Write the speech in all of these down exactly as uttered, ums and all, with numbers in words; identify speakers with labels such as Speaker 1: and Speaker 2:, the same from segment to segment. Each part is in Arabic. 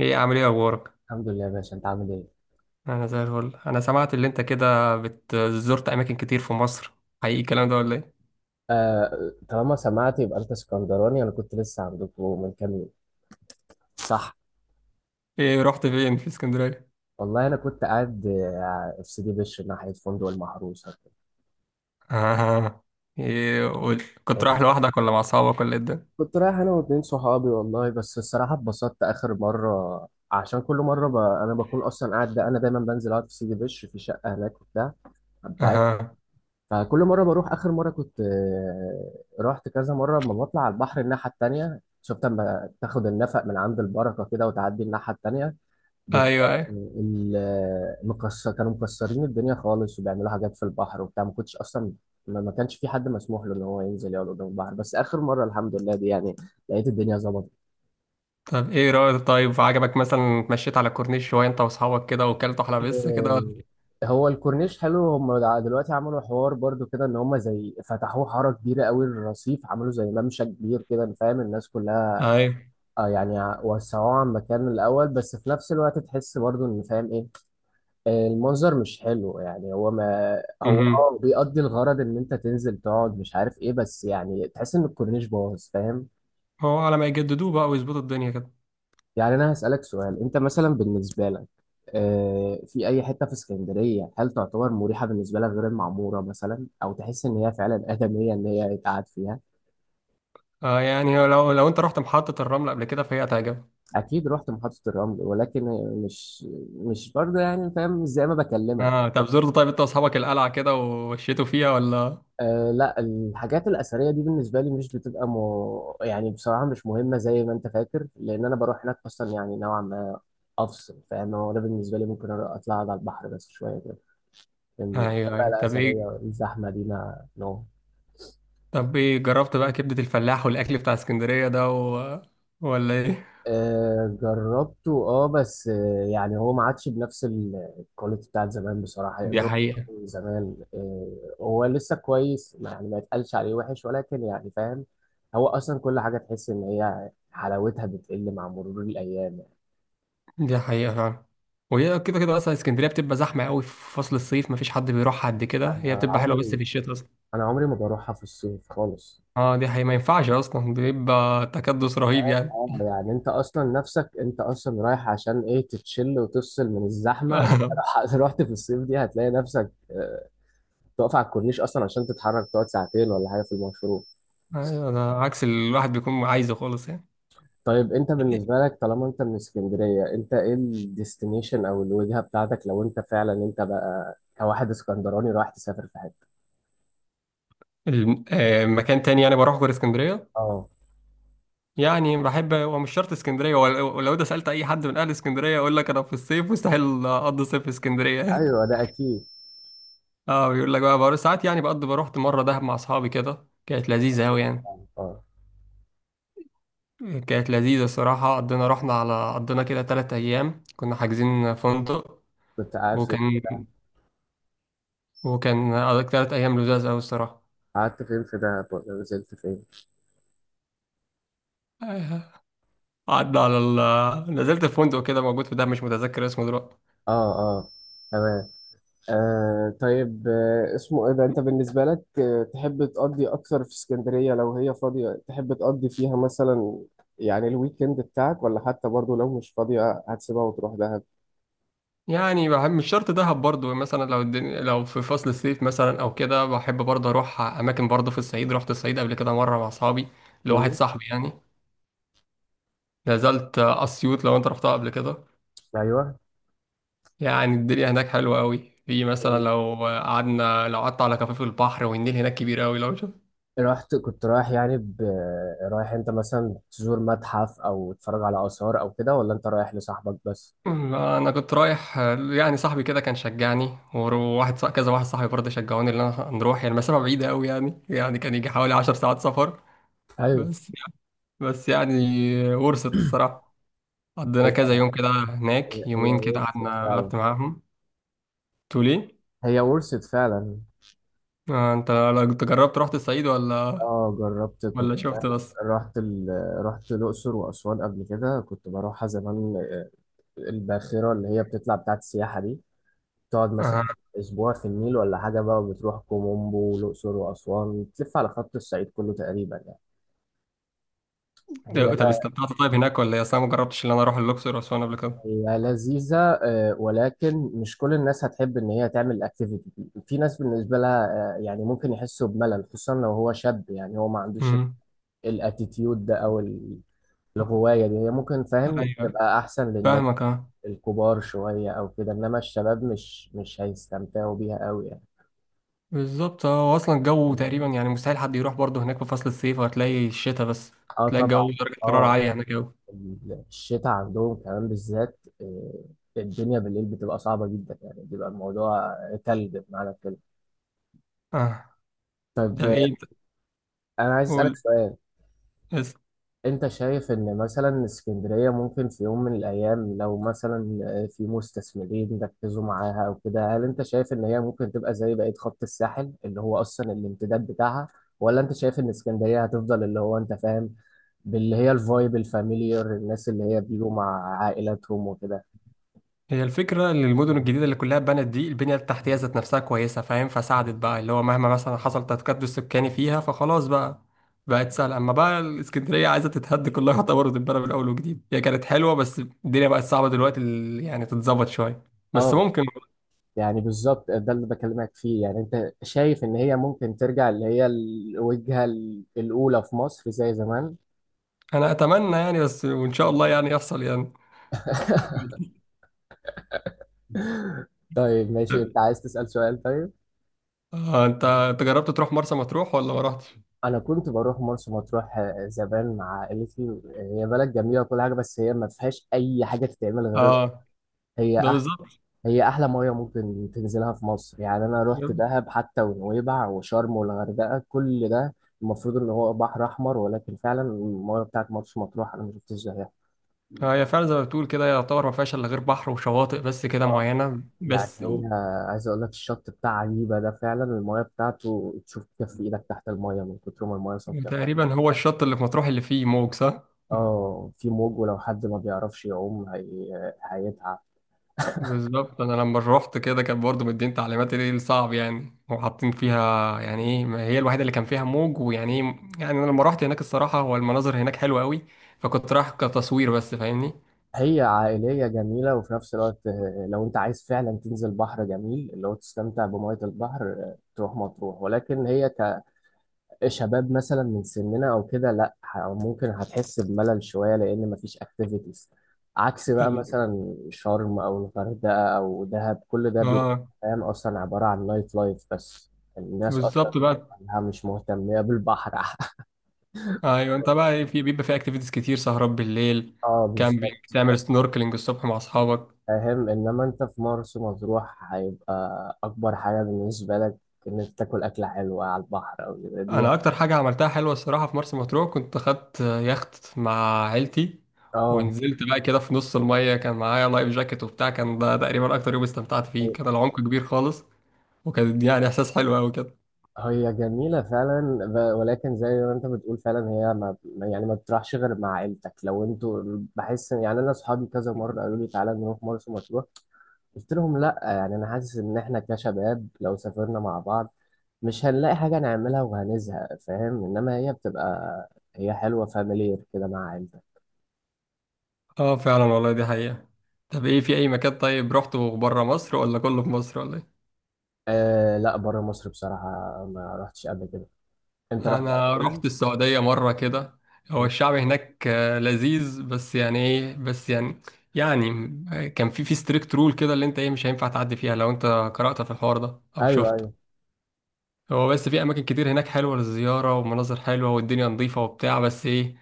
Speaker 1: ايه عامل ايه اخبارك؟
Speaker 2: الحمد لله يا باشا، انت عامل ايه؟
Speaker 1: انا زي الفل. انا سمعت اللي انت كده بت- زرت اماكن كتير في مصر، حقيقي الكلام ده ولا ايه؟
Speaker 2: آه، طالما سمعت يبقى انت اسكندراني، انا كنت لسه عندكم من كام يوم، صح؟
Speaker 1: ايه رحت فين في اسكندريه؟
Speaker 2: والله انا كنت قاعد آه، في سيدي بشر ناحيه فندق المحروسه كده.
Speaker 1: اها. ايه قول، كنت رايح
Speaker 2: يعني،
Speaker 1: لوحدك ولا مع اصحابك ولا ايه الدنيا؟
Speaker 2: كنت رايح انا واتنين صحابي والله، بس الصراحه اتبسطت اخر مره، عشان كل مره ب... انا بكون اصلا قاعد، انا دايما بنزل اقعد في سيدي بشر في شقه هناك وبتاع بتاعتي.
Speaker 1: اها.
Speaker 2: فكل مره بروح، اخر مره كنت آه، رحت كذا مره، لما بطلع على البحر الناحيه التانيه شفت، لما تاخد النفق من عند البركه كده وتعدي الناحيه التانيه بتلاقي
Speaker 1: ايوه ايوه،
Speaker 2: ال- المكسر، كانوا مكسرين الدنيا خالص وبيعملوا حاجات في البحر وبتاع، ما كنتش اصلا، ما ما كانش في حد مسموح له ان هو ينزل يقعد قدام البحر، بس اخر مره الحمد لله دي يعني لقيت الدنيا ظبطت.
Speaker 1: طب ايه رايك؟ طيب عجبك مثلا اتمشيت على الكورنيش شويه انت واصحابك كده وكلتوا حلقه بس
Speaker 2: آه،
Speaker 1: كده ولا؟
Speaker 2: هو الكورنيش حلو، هم دع- دلوقتي عملوا حوار برضو كده، ان هم زي فتحوه حاره كبيره قوي للرصيف، عملوا زي ممشى كبير كده، فاهم؟ الناس كلها
Speaker 1: ايوه.
Speaker 2: آه يعني ع- وسعوه عن مكان الاول، بس في نفس الوقت تحس برضو ان، فاهم ايه، المنظر مش حلو. يعني هو ما هو
Speaker 1: اها،
Speaker 2: اه بيقضي الغرض ان انت تنزل تقعد، مش عارف ايه، بس يعني تحس ان الكورنيش باظ، فاهم؟
Speaker 1: هو على ما يجددوه بقى ويظبطوا الدنيا كده.
Speaker 2: يعني انا هسألك سؤال، انت مثلا بالنسبة لك آه، في اي حتة في اسكندرية هل تعتبر مريحة بالنسبة لك غير المعمورة مثلا، او تحس ان هي فعلا آدمية ان هي يتقعد فيها؟
Speaker 1: اه يعني لو لو انت رحت محطه الرمل قبل كده فهي هتعجبك.
Speaker 2: اكيد رحت محطة الرمل، ولكن مش مش برضه، يعني فاهم مش زي ما بكلمك.
Speaker 1: اه طب زرت طيب انت واصحابك القلعه كده ومشيتوا فيها ولا؟
Speaker 2: أه لا، الحاجات الأثرية دي بالنسبة لي مش بتبقى مو... يعني بصراحة مش مهمة زي ما أنت فاكر، لأن أنا بروح هناك أصلا يعني نوعا ما أفصل، فاهم؟ هو ده بالنسبة لي، ممكن أروح أطلع أقعد على البحر بس شوية كده، لكن الحاجات
Speaker 1: ايوه
Speaker 2: بقى
Speaker 1: ايوه. طب ايه
Speaker 2: الأثرية الزحمة دي ما نو...
Speaker 1: طب ايه جربت بقى كبدة الفلاح والاكل بتاع اسكندرية ده و... ولا ايه؟
Speaker 2: آه، جربته، اه بس آه، يعني هو ما عادش بنفس ال- الكواليتي بتاعت زمان بصراحة.
Speaker 1: دي
Speaker 2: يقدروا
Speaker 1: حقيقة.
Speaker 2: يكونوا زمان، آه، هو لسه كويس، ما- يعني ما يتقالش عليه وحش، ولكن يعني فاهم، هو أصلا كل حاجة تحس إن هي حلاوتها بتقل مع مرور الأيام.
Speaker 1: دي حقيقة فعلا، وهي كده كده اصلا اسكندرية بتبقى زحمة قوي في فصل الصيف، مفيش حد بيروح قد كده. هي
Speaker 2: أنا
Speaker 1: بتبقى حلوة بس
Speaker 2: عمري
Speaker 1: في الشتاء اصلا.
Speaker 2: أنا عمري ما بروحها في الصيف خالص.
Speaker 1: اه دي حقيقة، ما ينفعش اصلا، بيبقى تكدس رهيب يعني.
Speaker 2: آه، يعني أنت أصلا نفسك، أنت أصلا رايح عشان إيه؟ تتشل وتفصل من الزحمة لو رحت في الصيف دي هتلاقي نفسك آه، تقف على الكورنيش اصلا عشان تتحرك، تقعد ساعتين ولا حاجه في المشروع.
Speaker 1: ايوه، ده عكس اللي الواحد بيكون عايزه خالص يعني.
Speaker 2: طيب، انت بالنسبه لك، طالما انت من اسكندريه، انت ايه الديستنيشن او الوجهه بتاعتك لو انت فعلا انت بقى كواحد اسكندراني رايح تسافر في حته؟
Speaker 1: الم- آه، مكان تاني يعني بروح غير اسكندرية.
Speaker 2: اه.
Speaker 1: يعني بحب، هو مش شرط اسكندريه، ولو ولو ده سالت اي حد من اهل اسكندريه يقول لك انا في الصيف مستحيل اقضي صيف في اسكندريه.
Speaker 2: ايوه، ده اكيد.
Speaker 1: اه بيقول لك. بقى بروح ساعات يعني، بقضي، بروحت مره دهب مع اصحابي كده، كانت لذيذه قوي يعني
Speaker 2: اه،
Speaker 1: كانت لذيذه الصراحه. قضينا، رحنا على قضينا كده ثلاث ايام، كنا حاجزين فندق،
Speaker 2: كنت قاعد فين؟
Speaker 1: وكان وكان قضيت ثلاث ايام لذاذ قوي الصراحه.
Speaker 2: قعدت فين في دهب ولا نزلت فين؟
Speaker 1: آه. قعدنا على ال... نزلت في فندق كده موجود في دهب، مش متذكر اسمه دلوقتي.
Speaker 2: اه، اه، تمام. آه، طيب. آه اسمه ايه ده؟ انت بالنسبة لك آه تحب تقضي اكتر في اسكندرية لو هي فاضية، تحب تقضي فيها مثلا يعني الويكند بتاعك، ولا حتى برضو لو مش فاضية هتسيبها وتروح دهب؟
Speaker 1: يعني بحب، مش شرط دهب برضو. مثلا لو الدنيا، لو في فصل الصيف مثلا او كده، بحب برضو اروح اماكن برضو في الصعيد. رحت الصعيد قبل كده مره مع اصحابي، لواحد
Speaker 2: مم.
Speaker 1: صاحبي يعني. نزلت اسيوط، لو انت رحتها قبل كده
Speaker 2: ايوه.
Speaker 1: يعني الدنيا هناك حلوه قوي. في مثلا لو قعدنا لو قعدت على كفاف البحر، والنيل هناك كبير قوي لو شفت.
Speaker 2: رحت كنت رايح يعني ب... رايح انت مثلا تزور متحف او تتفرج على اثار او كده، ولا انت رايح لصاحبك بس؟
Speaker 1: انا كنت رايح يعني، صاحبي كده كان شجعني، وواحد صاح- كذا واحد صاحبي برضه شجعوني ان انا نروح. يعني المسافه بعيده قوي يعني يعني كان يجي حوالي عشر ساعات سفر.
Speaker 2: ايوه.
Speaker 1: بس يعني ورثت الصراحة، قضينا
Speaker 2: هي
Speaker 1: كذا يوم كده هناك،
Speaker 2: هي
Speaker 1: يومين كده
Speaker 2: ورثة
Speaker 1: قعدنا،
Speaker 2: فعلا.
Speaker 1: قعدت معاهم. تقول ايه؟
Speaker 2: هي ورثت فعلا.
Speaker 1: آه انت لو كنت جربت رحت الصعيد ولا
Speaker 2: اه جربت. كنت
Speaker 1: ولا شفت بس؟
Speaker 2: رحت ال... رحت الأقصر وأسوان قبل كده، كنت بروحها زمان. آه، الباخرة اللي هي بتطلع بتاعت السياحة دي، تقعد مثلا
Speaker 1: آه.
Speaker 2: أسبوع في النيل ولا حاجة، بقى بتروح كومومبو والأقصر وأسوان، بتلف على خط الصعيد كله تقريبا يعني. هي
Speaker 1: طب
Speaker 2: لا
Speaker 1: استمتعت طيب هناك ولا ايه؟ اصل انا ما جربتش ان انا اروح الاقصر واسوان قبل كده.
Speaker 2: هي لذيذة، آه، ولكن مش كل الناس هتحب إن هي تعمل الأكتيفيتي دي، في ناس بالنسبة لها آه، يعني ممكن يحسوا بملل، خصوصا لو هو شاب يعني هو ما عندوش
Speaker 1: امم.
Speaker 2: الاتيتيود ده أو ال- الغواية دي هي ممكن، فاهم؟
Speaker 1: ايوه،
Speaker 2: تبقى أحسن للناس
Speaker 1: فاهمك. اه
Speaker 2: الكبار شوية أو كده، إنما الشباب مش مش هيستمتعوا بيها أوي يعني.
Speaker 1: بالظبط، اه هو اصلا الجو تقريبا يعني مستحيل حد يروح برضه هناك في فصل الصيف، وهتلاقي الشتاء بس،
Speaker 2: اه
Speaker 1: تلاقي الجو
Speaker 2: طبعا.
Speaker 1: درجة حرارة
Speaker 2: اه.
Speaker 1: عالية هناك أوي.
Speaker 2: ال- الشتاء عندهم كمان بالذات، آه، الدنيا بالليل بتبقى صعبة جدا، يعني بيبقى الموضوع تلج بمعنى الكلمة.
Speaker 1: اه،
Speaker 2: طيب،
Speaker 1: طب
Speaker 2: آه،
Speaker 1: ايه انت،
Speaker 2: أنا عايز أسألك
Speaker 1: قول.
Speaker 2: سؤال. انت شايف ان مثلا اسكندرية ممكن في يوم من الايام، لو مثلا في مستثمرين ركزوا معاها او كده، هل انت شايف ان هي ممكن تبقى زي بقية خط الساحل اللي هو اصلا الامتداد بتاعها، ولا انت شايف ان اسكندرية هتفضل اللي هو انت فاهم باللي هي الفايب الفاميليار، الناس اللي هي بيجوا مع عائلاتهم وكده؟
Speaker 1: هي الفكرة إن المدن الجديدة اللي كلها اتبنت دي، البنية التحتية ذات نفسها كويسة، فاهم؟ فساعدت بقى اللي هو مهما مثلا حصل تكدس سكاني فيها فخلاص بقى، بقت سهلة. أما بقى الإسكندرية عايزة تتهد كلها يعتبر وتتبنى من أول وجديد. هي كانت حلوة بس الدنيا بقت صعبة دلوقتي. ال- يعني تتظبط شوية بس
Speaker 2: اه،
Speaker 1: ممكن.
Speaker 2: يعني بالظبط ده اللي بكلمك فيه. يعني انت شايف ان هي ممكن ترجع اللي هي الوجهة الاولى في مصر زي زمان؟
Speaker 1: أنا أتمنى يعني، بس وإن شاء الله يعني يحصل يعني.
Speaker 2: طيب ماشي، انت عايز تسأل سؤال؟ طيب.
Speaker 1: آه، أنت أنت جربت تروح مرسى مطروح ولا ما رحتش؟
Speaker 2: انا كنت بروح مرسى مطروح آه، زمان مع عائلتي. هي بلد جميله وكل حاجه، بس هي ما فيهاش اي حاجه تتعمل، غير
Speaker 1: آه.
Speaker 2: هي
Speaker 1: ده
Speaker 2: أح...
Speaker 1: بالظبط.
Speaker 2: هي احلى ميه ممكن تنزلها في مصر. يعني انا رحت دهب حتى، ونويبع وشرم والغردقه، كل ده المفروض ان هو بحر احمر، ولكن فعلا الميه بتاعت مرسى مطروح انا ما شفتش زيها.
Speaker 1: آه، هي فعلا زي ما بتقول كده، يعتبر ما فيهاش الا غير بحر وشواطئ بس كده
Speaker 2: آه.
Speaker 1: معينه
Speaker 2: يعني،
Speaker 1: بس.
Speaker 2: هي عايز اقول لك الشط بتاع عجيبه ده، فعلا الميه بتاعته تشوف كف ايدك تحت الميه من كتر ما الميه صافيه.
Speaker 1: تقريبا هو الشط اللي في مطروح اللي فيه موج، صح؟
Speaker 2: اه في موج، ولو حد ما بيعرفش يعوم هي... هيتعب.
Speaker 1: بالظبط. انا لما روحت كده كان برضه مدين تعليمات ايه الصعب يعني، وحاطين فيها يعني ايه، ما هي الوحيده اللي كان فيها موج ويعني ايه. يعني انا لما روحت هناك الصراحه هو المناظر هناك حلوه قوي، فكنت رايح كتصوير بس فاهمني.
Speaker 2: هي عائلية جميلة، وفي نفس الوقت آه، لو انت عايز فعلا تنزل بحر جميل اللي هو تستمتع بمية البحر، آه، تروح مطروح. ولكن هي كشباب مثلا من سننا او كده، لا ه- ممكن هتحس بملل شوية، لان مفيش اكتيفيتيز، عكس بقى
Speaker 1: أوكي.
Speaker 2: مثلا شرم او الغردقة او دهب، كل ده بيبقى
Speaker 1: اه
Speaker 2: فاهم اصلا عبارة عن نايت لايف بس، الناس اصلا
Speaker 1: بالظبط بقى.
Speaker 2: بتبقى مش مهتمة بالبحر
Speaker 1: ايوه انت بقى ايه؟ في بيبقى في اكتيفيتيز كتير، سهرات بالليل،
Speaker 2: اه
Speaker 1: كامبينج،
Speaker 2: بالظبط.
Speaker 1: تعمل سنوركلينج الصبح مع اصحابك.
Speaker 2: فاهم، انما انت في مرسى مطروح هيبقى اكبر حاجه بالنسبه لك ان انت تاكل اكله حلوه على البحر او كده دي.
Speaker 1: انا اكتر حاجه عملتها حلوه الصراحه في مرسى مطروح، كنت خدت يخت مع عيلتي،
Speaker 2: اه.
Speaker 1: ونزلت بقى كده في نص الميه، كان معايا لايف جاكيت وبتاع. كان ده تقريبا اكتر يوم استمتعت فيه، كان العمق كبير خالص، وكان يعني احساس حلو قوي كده.
Speaker 2: هي جميله فعلا، ب- ولكن زي ما انت بتقول فعلا هي ما ما- يعني ما بتروحش غير مع عيلتك لو انتوا. بحس إن- يعني انا اصحابي كذا مره قالوا لي تعالى نروح مرسى مطروح، قلت لهم لا. يعني انا حاسس ان احنا كشباب لو سافرنا مع بعض مش هنلاقي حاجه نعملها وهنزهق، فاهم؟ انما هي بتبقى هي حلوه فاميليير كده مع عيلتك.
Speaker 1: اه فعلا والله دي حقيقه. طب ايه، في اي مكان طيب رحته بره مصر ولا كله في مصر ولا ايه؟
Speaker 2: آه لا، بره مصر بصراحة ما رحتش قبل كده. انت رحت قبل
Speaker 1: انا
Speaker 2: كده؟
Speaker 1: رحت السعوديه مره كده، هو الشعب هناك آه، لذيذ بس يعني ايه، بس يعني، يعني آه، كان في في ستريكت رول كده، اللي انت ايه مش هينفع تعدي فيها لو انت قرأت في الحوار ده او
Speaker 2: ايوه،
Speaker 1: شفت.
Speaker 2: ايوه.
Speaker 1: هو بس في اماكن كتير هناك حلوه للزياره، ومناظر حلوه والدنيا نظيفه وبتاع، بس ايه،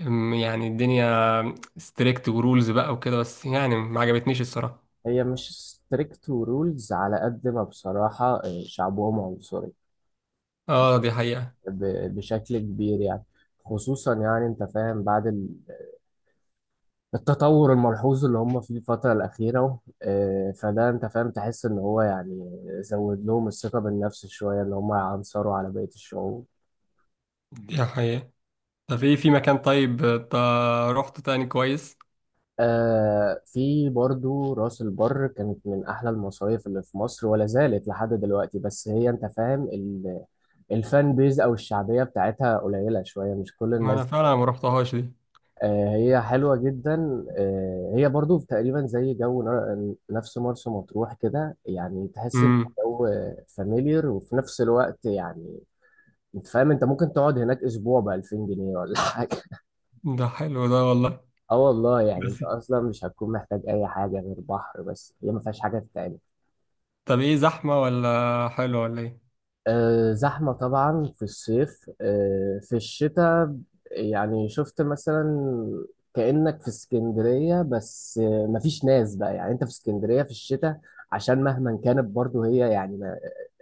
Speaker 1: أم، يعني الدنيا ستريكت ورولز بقى وكده، بس يعني ما عجبتنيش الصراحه.
Speaker 2: هي مش ستريكت ورولز على قد ما بصراحة، آه، شعبهم عنصري
Speaker 1: اه دي حقيقه.
Speaker 2: ب- بشكل كبير يعني. خصوصا يعني انت فاهم بعد ال- التطور الملحوظ اللي هم فيه الفترة الأخيرة، آه، فده انت فاهم تحس ان هو يعني زود لهم الثقة بالنفس شوية، اللي هم يعنصروا على بقية الشعوب.
Speaker 1: دي حقيقه، طب ايه في مكان طيب، آه، تا- رحت تاني كويس؟
Speaker 2: آه، في برضو راس البر، كانت من أحلى المصايف اللي في مصر ولا زالت لحد دلوقتي، بس هي أنت فاهم ال- الفان بيز أو الشعبية بتاعتها قليلة شوية، مش كل
Speaker 1: ما انا
Speaker 2: الناس.
Speaker 1: فعلا ما رحتهاش.
Speaker 2: آه، هي حلوة جدا. آه هي برضو تقريبا زي جو نر- نفس مرسى مطروح كده، يعني
Speaker 1: دي
Speaker 2: تحس الجو فاميليار، وفي نفس الوقت يعني أنت فاهم أنت ممكن تقعد هناك أسبوع بألفين جنيه ولا حاجة.
Speaker 1: ده حلو ده والله.
Speaker 2: اه والله، يعني
Speaker 1: بس
Speaker 2: انت اصلا مش هتكون محتاج اي حاجه غير بحر، بس هي ما فيهاش حاجه تتعمل.
Speaker 1: طب ايه، زحمة ولا حلو ولا ايه؟
Speaker 2: أه، زحمه طبعا في الصيف. أه في الشتاء يعني شفت مثلا، كانك في اسكندريه، بس آه، مفيش ناس بقى. يعني انت في اسكندريه في الشتاء عشان مهما كانت برضو هي يعني م-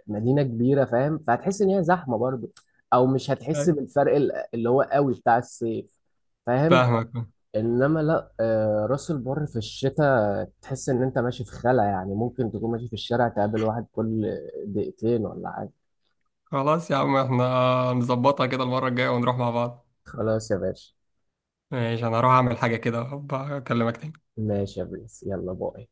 Speaker 2: مدينه كبيره، فاهم؟ فهتحس ان هي زحمه برضو، او مش هتحس
Speaker 1: أي.
Speaker 2: بالفرق ال- اللي هو قوي بتاع الصيف، فاهم؟
Speaker 1: فاهمك.
Speaker 2: انما لا، آه، راس البر في الشتاء تحس ان انت ماشي في خلا، يعني ممكن تكون ماشي في الشارع تقابل واحد كل دقيقتين ولا حاجة.
Speaker 1: خلاص يا عم، احنا نظبطها كده المرة الجاية ونروح مع بعض.
Speaker 2: خلاص يا باشا.
Speaker 1: ماشي، انا هروح اعمل حاجة كده، أبقى اكلمك تاني.
Speaker 2: ماشي يا برنس، يلا باي.